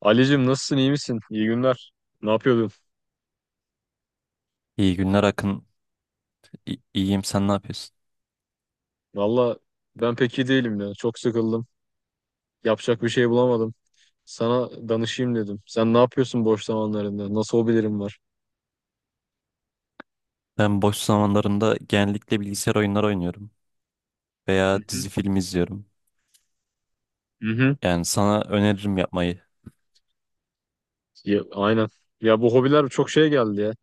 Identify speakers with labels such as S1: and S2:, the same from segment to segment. S1: Ali'cim nasılsın iyi misin? İyi günler. Ne yapıyordun?
S2: İyi günler Akın. İyiyim, sen ne yapıyorsun?
S1: Valla ben pek iyi değilim ya. Çok sıkıldım. Yapacak bir şey bulamadım. Sana danışayım dedim. Sen ne yapıyorsun boş zamanlarında? Nasıl hobilerin var?
S2: Ben boş zamanlarımda genellikle bilgisayar oyunları oynuyorum
S1: Hı
S2: veya
S1: hı.
S2: dizi film izliyorum.
S1: Hı hı.
S2: Yani sana öneririm yapmayı.
S1: Ya, aynen. Ya bu hobiler çok şey geldi ya.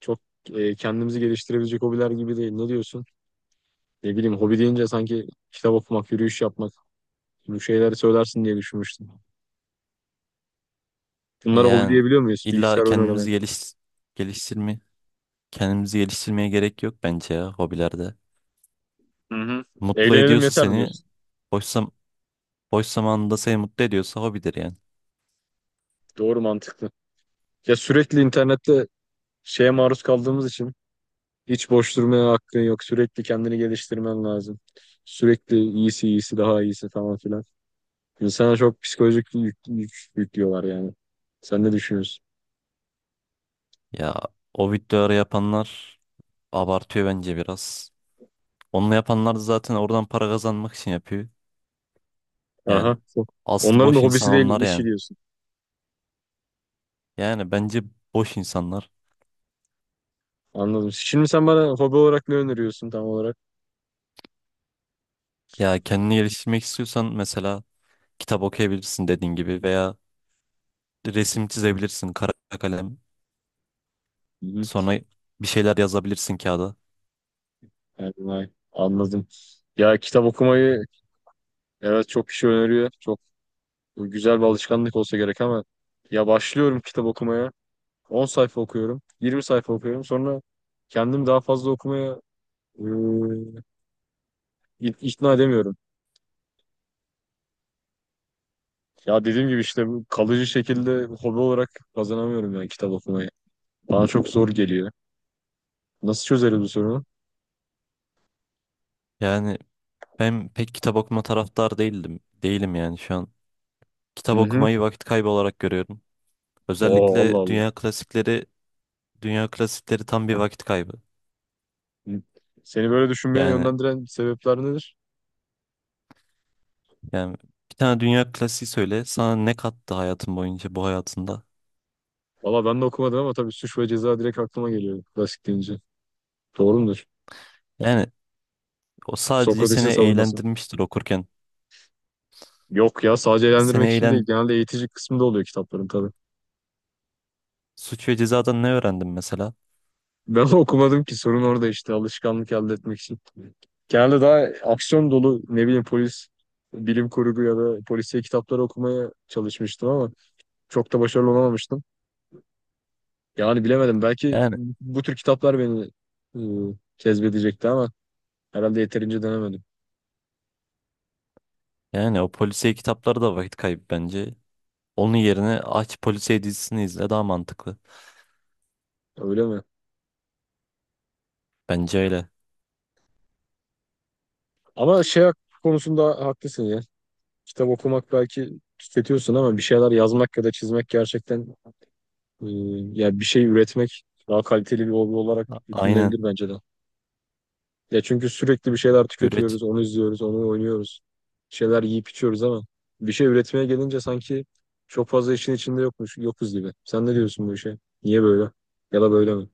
S1: Çok kendimizi geliştirebilecek hobiler gibi değil. Ne diyorsun? Ne bileyim hobi deyince sanki kitap okumak, yürüyüş yapmak bu şeyleri söylersin diye düşünmüştüm. Bunlara hobi
S2: Yani
S1: diyebiliyor muyuz?
S2: illa
S1: Bilgisayar oyunu oynamak.
S2: kendimizi geliş geliştirme kendimizi geliştirmeye gerek yok bence ya hobilerde.
S1: Hı hı.
S2: Mutlu
S1: Eğlenelim
S2: ediyorsa
S1: yeter mi
S2: seni,
S1: diyorsun?
S2: boş zam boş zamanında seni mutlu ediyorsa hobidir yani.
S1: Doğru mantıklı. Ya sürekli internette şeye maruz kaldığımız için hiç boş durmaya hakkın yok. Sürekli kendini geliştirmen lazım. Sürekli iyisi iyisi daha iyisi falan filan. İnsana çok psikolojik yüklüyorlar yani. Sen ne düşünüyorsun?
S2: Ya o videoları yapanlar abartıyor bence biraz. Onu yapanlar da zaten oradan para kazanmak için yapıyor. Yani
S1: Aha.
S2: asıl
S1: Onların da
S2: boş insan
S1: hobisi değil
S2: onlar
S1: işi
S2: yani.
S1: diyorsun.
S2: Yani bence boş insanlar.
S1: Anladım. Şimdi sen bana hobi olarak ne öneriyorsun tam olarak?
S2: Ya kendini geliştirmek istiyorsan mesela kitap okuyabilirsin dediğin gibi, veya resim çizebilirsin, kara kalem.
S1: Hı hı.
S2: Sonra bir şeyler yazabilirsin kağıda.
S1: Yani vay, anladım. Ya kitap okumayı evet çok kişi öneriyor. Çok güzel bir alışkanlık olsa gerek ama ya başlıyorum kitap okumaya. 10 sayfa okuyorum, 20 sayfa okuyorum. Sonra kendimi daha fazla okumaya e, ikna edemiyorum. Ya dediğim gibi işte bu kalıcı şekilde hobi olarak kazanamıyorum yani kitap okumayı. Bana çok zor geliyor. Nasıl çözeriz bu sorunu?
S2: Yani ben pek kitap okuma taraftar değildim. Değilim yani şu an. Kitap
S1: Hı hı.
S2: okumayı vakit kaybı olarak görüyorum.
S1: Oo, Allah
S2: Özellikle
S1: Allah.
S2: dünya klasikleri, dünya klasikleri tam bir vakit kaybı.
S1: Hı. Seni böyle düşünmeye
S2: Yani
S1: yönlendiren sebepler nedir?
S2: Yani bir tane dünya klasiği söyle. Sana ne kattı hayatın boyunca, bu hayatında?
S1: Valla ben de okumadım ama tabii suç ve ceza direkt aklıma geliyor klasik deyince. Doğru mudur?
S2: Yani o sadece seni
S1: Sokrates'in savunması.
S2: eğlendirmiştir okurken.
S1: Yok ya sadece
S2: Seni
S1: eğlendirmek için değil.
S2: eğlen
S1: Genelde eğitici kısmında oluyor kitapların tabii.
S2: Suç ve cezadan ne öğrendin mesela?
S1: Ben okumadım ki sorun orada işte alışkanlık elde etmek için. Genelde daha aksiyon dolu ne bileyim polis, bilim kurgu ya da polisiye kitapları okumaya çalışmıştım ama çok da başarılı olamamıştım. Yani bilemedim belki
S2: Yani
S1: bu tür kitaplar beni e, cezbedecekti ama herhalde yeterince denemedim.
S2: yani o polisiye kitapları da vakit kaybı bence. Onun yerine aç polisiye dizisini izle, daha mantıklı.
S1: Öyle mi?
S2: Bence öyle.
S1: Ama konusunda haklısın ya. Kitap okumak belki tüketiyorsun ama bir şeyler yazmak ya da çizmek gerçekten e, ya bir şey üretmek daha kaliteli bir hobi olarak
S2: Aynen.
S1: düşünülebilir bence de. Ya çünkü sürekli bir şeyler
S2: Üret
S1: tüketiyoruz, onu izliyoruz, onu oynuyoruz. Bir şeyler yiyip içiyoruz ama bir şey üretmeye gelince sanki çok fazla işin içinde yokmuş, yokuz gibi. Sen ne diyorsun bu işe? Niye böyle? Ya da böyle mi?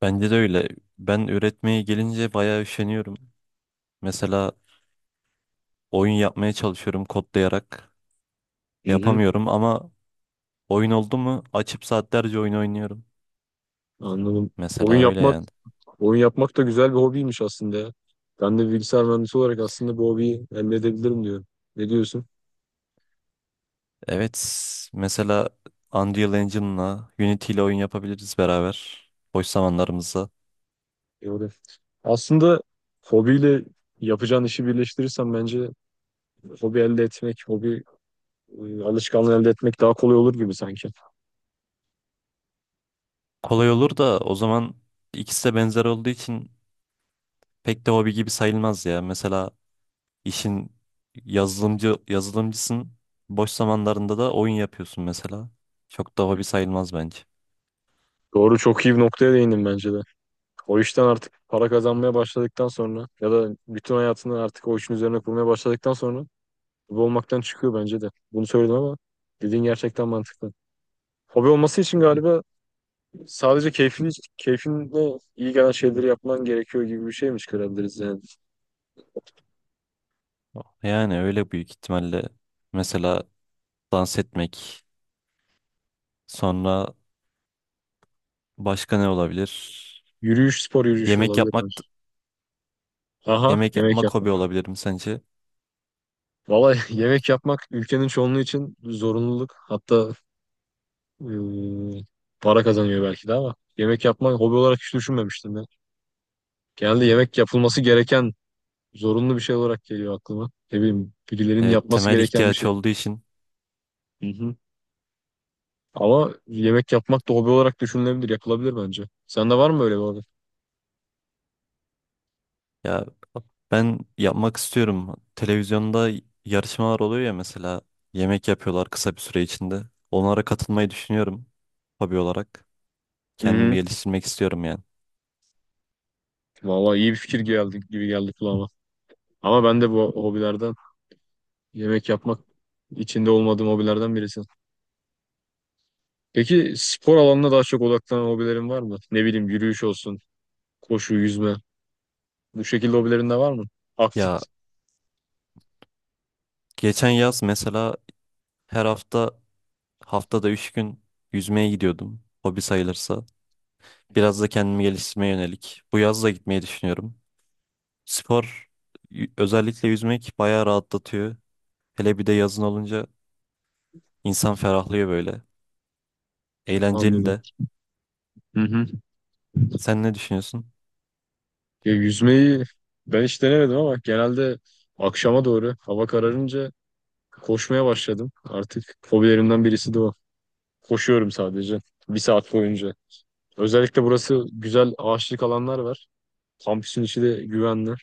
S2: Bence de öyle. Ben üretmeye gelince bayağı üşeniyorum. Mesela oyun yapmaya çalışıyorum kodlayarak.
S1: Hı hı.
S2: Yapamıyorum ama oyun oldu mu açıp saatlerce oyun oynuyorum.
S1: Anladım.
S2: Mesela
S1: Oyun
S2: öyle
S1: yapmak,
S2: yani.
S1: oyun yapmak da güzel bir hobiymiş aslında ya. Ben de bilgisayar mühendisi olarak aslında bu hobiyi elde edebilirim diyorum. Ne diyorsun?
S2: Evet, mesela Unreal Engine'la, Unity ile oyun yapabiliriz beraber. Boş zamanlarımızda.
S1: Doğru. Aslında hobiyle yapacağın işi birleştirirsen bence hobi elde etmek, hobi alışkanlığı elde etmek daha kolay olur gibi sanki.
S2: Kolay olur da o zaman ikisi de benzer olduğu için pek de hobi gibi sayılmaz ya. Mesela işin, yazılımcı, yazılımcısın. Boş zamanlarında da oyun yapıyorsun mesela. Çok da hobi sayılmaz bence.
S1: Doğru çok iyi bir noktaya değindim bence de. O işten artık para kazanmaya başladıktan sonra ya da bütün hayatını artık o işin üzerine kurmaya başladıktan sonra hobi olmaktan çıkıyor bence de. Bunu söyledim ama dediğin gerçekten mantıklı. Hobi olması için galiba sadece keyfini keyfinle iyi gelen şeyleri yapman gerekiyor gibi bir şeymiş görebiliriz yani.
S2: Yani öyle büyük ihtimalle. Mesela dans etmek, sonra başka ne olabilir?
S1: Yürüyüş, spor yürüyüşü
S2: Yemek
S1: olabilir
S2: yapmak.
S1: bence. Aha,
S2: Yemek
S1: yemek
S2: yapmak
S1: yapmak.
S2: hobi olabilirim sence?
S1: Vallahi yemek yapmak ülkenin çoğunluğu için zorunluluk. Hatta eee, para kazanıyor belki de ama yemek yapmak hobi olarak hiç düşünmemiştim ben. Genelde yemek yapılması gereken zorunlu bir şey olarak geliyor aklıma. Ne bileyim, birilerinin
S2: Evet,
S1: yapması
S2: temel
S1: gereken bir
S2: ihtiyaç
S1: şey.
S2: olduğu için.
S1: Hı hı. Ama yemek yapmak da hobi olarak düşünülebilir, yapılabilir bence. Sende var mı öyle bir hobi?
S2: Ya ben yapmak istiyorum. Televizyonda yarışmalar oluyor ya, mesela yemek yapıyorlar kısa bir süre içinde. Onlara katılmayı düşünüyorum hobi olarak.
S1: Hı
S2: Kendimi
S1: hı.
S2: geliştirmek istiyorum yani.
S1: Vallahi iyi bir fikir geldi gibi geldi kulağıma. Ama ben de bu hobilerden. Yemek yapmak içinde olmadığım hobilerden birisi. Peki spor alanına daha çok odaklanan hobilerin var mı? Ne bileyim yürüyüş olsun, koşu, yüzme. Bu şekilde hobilerin de var mı? Aktif.
S2: Ya geçen yaz mesela her hafta, haftada 3 gün yüzmeye gidiyordum. Hobi sayılırsa. Biraz da kendimi geliştirmeye yönelik. Bu yaz da gitmeyi düşünüyorum. Spor Özellikle yüzmek bayağı rahatlatıyor. Hele bir de yazın olunca insan ferahlıyor böyle. Eğlenceli
S1: Anladım.
S2: de.
S1: Hı hı.
S2: Sen ne düşünüyorsun?
S1: Ya yüzmeyi ben hiç denemedim ama genelde akşama doğru hava kararınca koşmaya başladım. Artık hobilerimden birisi de o. Koşuyorum sadece bir saat boyunca. Özellikle burası güzel ağaçlık alanlar var. Kampüsün içi de güvenli.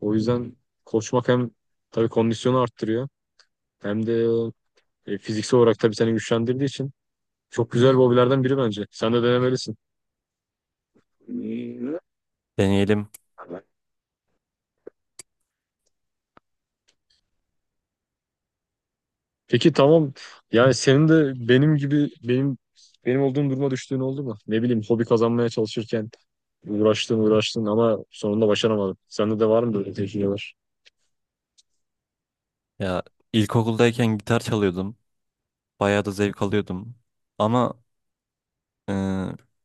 S1: O yüzden koşmak hem tabii kondisyonu arttırıyor. Hem de fiziksel olarak tabii seni güçlendirdiği için çok güzel bir hobilerden biri bence. Sen de denemelisin.
S2: Deneyelim.
S1: Peki tamam. Yani senin de benim gibi benim olduğum duruma düştüğün oldu mu? Ne bileyim hobi kazanmaya çalışırken uğraştın uğraştın ama sonunda başaramadın. Sende de var mı böyle tecrübeler?
S2: Ya ilkokuldayken gitar çalıyordum. Bayağı da zevk alıyordum. Ama e,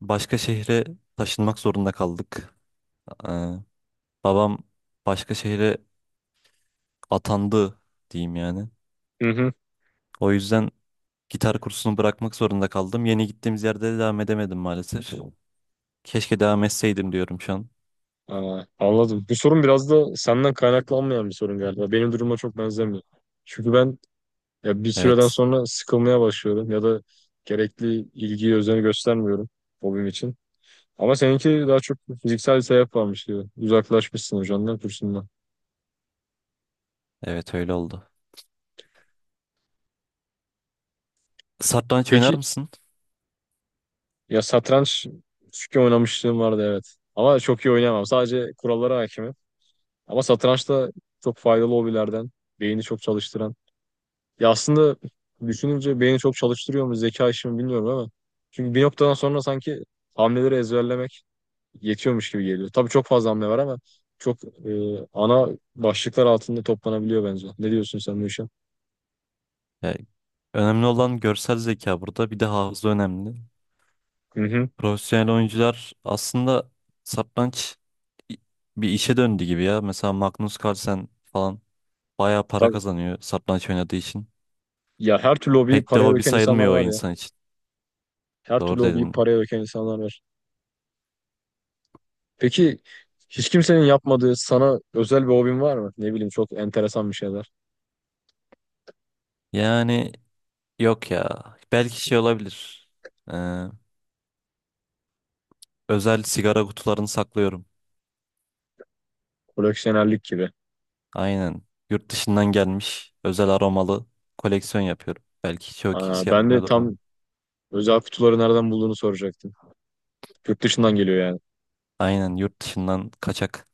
S2: başka şehre taşınmak zorunda kaldık. E, babam başka şehre atandı diyeyim yani.
S1: Hı hı.
S2: O yüzden gitar kursunu bırakmak zorunda kaldım. Yeni gittiğimiz yerde de devam edemedim maalesef. Keşke devam etseydim diyorum şu an.
S1: Aa, anladım. Bu sorun biraz da senden kaynaklanmayan bir sorun galiba. Benim duruma çok benzemiyor. Çünkü ben ya bir süreden
S2: Evet.
S1: sonra sıkılmaya başlıyorum ya da gerekli ilgiyi, özeni göstermiyorum hobim için. Ama seninki daha çok fiziksel bir sebep varmış gibi. Uzaklaşmışsın hocandan, kursundan.
S2: Evet öyle oldu. Satranç oynar
S1: Peki
S2: mısın?
S1: ya satranç küçükken oynamışlığım vardı evet. Ama çok iyi oynayamam. Sadece kurallara hakimim. Ama satranç da çok faydalı hobilerden. Beyni çok çalıştıran. Ya aslında düşününce beyni çok çalıştırıyor mu zeka işimi bilmiyorum ama. Çünkü bir noktadan sonra sanki hamleleri ezberlemek yetiyormuş gibi geliyor. Tabii çok fazla hamle var ama çok ana başlıklar altında toplanabiliyor bence. Ne diyorsun sen bu işe?
S2: Yani önemli olan görsel zeka burada. Bir de hafıza önemli.
S1: Hı hı.
S2: Profesyonel oyuncular aslında satranç i- bir işe döndü gibi ya. Mesela Magnus Carlsen falan bayağı para
S1: Tabii.
S2: kazanıyor satranç oynadığı için.
S1: Ya her türlü hobiyi
S2: Pek de
S1: paraya
S2: hobi
S1: döken insanlar
S2: sayılmıyor o
S1: var ya.
S2: insan için.
S1: Her türlü
S2: Doğru
S1: hobiyi
S2: dedin.
S1: paraya döken insanlar var. Peki hiç kimsenin yapmadığı sana özel bir hobin var mı? Ne bileyim çok enteresan bir şeyler.
S2: Yani yok ya. Belki şey olabilir. Ee, özel sigara kutularını saklıyorum.
S1: Koleksiyonerlik gibi.
S2: Aynen. Yurt dışından gelmiş özel aromalı koleksiyon yapıyorum. Belki çoğu
S1: Aa,
S2: kişi
S1: ben de
S2: yapmıyordur bunu.
S1: tam özel kutuları nereden bulduğunu soracaktım. Yurt dışından geliyor yani.
S2: Aynen, yurt dışından kaçak.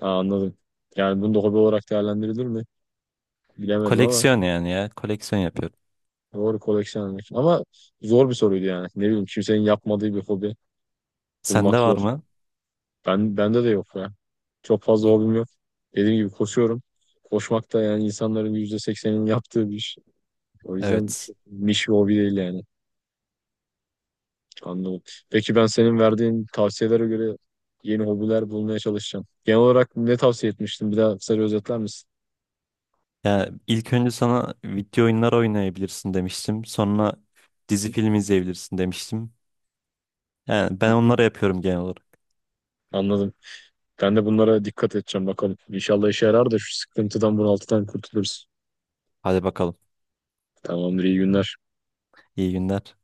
S1: Aa, anladım. Yani bunu da hobi olarak değerlendirilir mi? Bilemedim ama
S2: Koleksiyon yani ya. Koleksiyon yapıyorum.
S1: doğru koleksiyonlar. Ama zor bir soruydu yani. Ne bileyim kimsenin yapmadığı bir hobi bulmak
S2: Sende var
S1: zor.
S2: mı?
S1: Bende de yok ya. Çok fazla hobim yok. Dediğim gibi koşuyorum. Koşmak da yani insanların %80'inin yaptığı bir iş. O yüzden
S2: Evet.
S1: çok niş bir hobi değil yani. Anladım. Peki ben senin verdiğin tavsiyelere göre yeni hobiler bulmaya çalışacağım. Genel olarak ne tavsiye etmiştin? Bir daha kısaca özetler misin?
S2: Ya ilk önce sana video oyunlar oynayabilirsin demiştim. Sonra dizi film izleyebilirsin demiştim. Yani
S1: Hı
S2: ben
S1: hı.
S2: onları yapıyorum genel olarak.
S1: Anladım. Ben de bunlara dikkat edeceğim bakalım. İnşallah işe yarar da şu sıkıntıdan bunaltıdan kurtuluruz.
S2: Hadi bakalım.
S1: Tamamdır, iyi günler.
S2: İyi günler.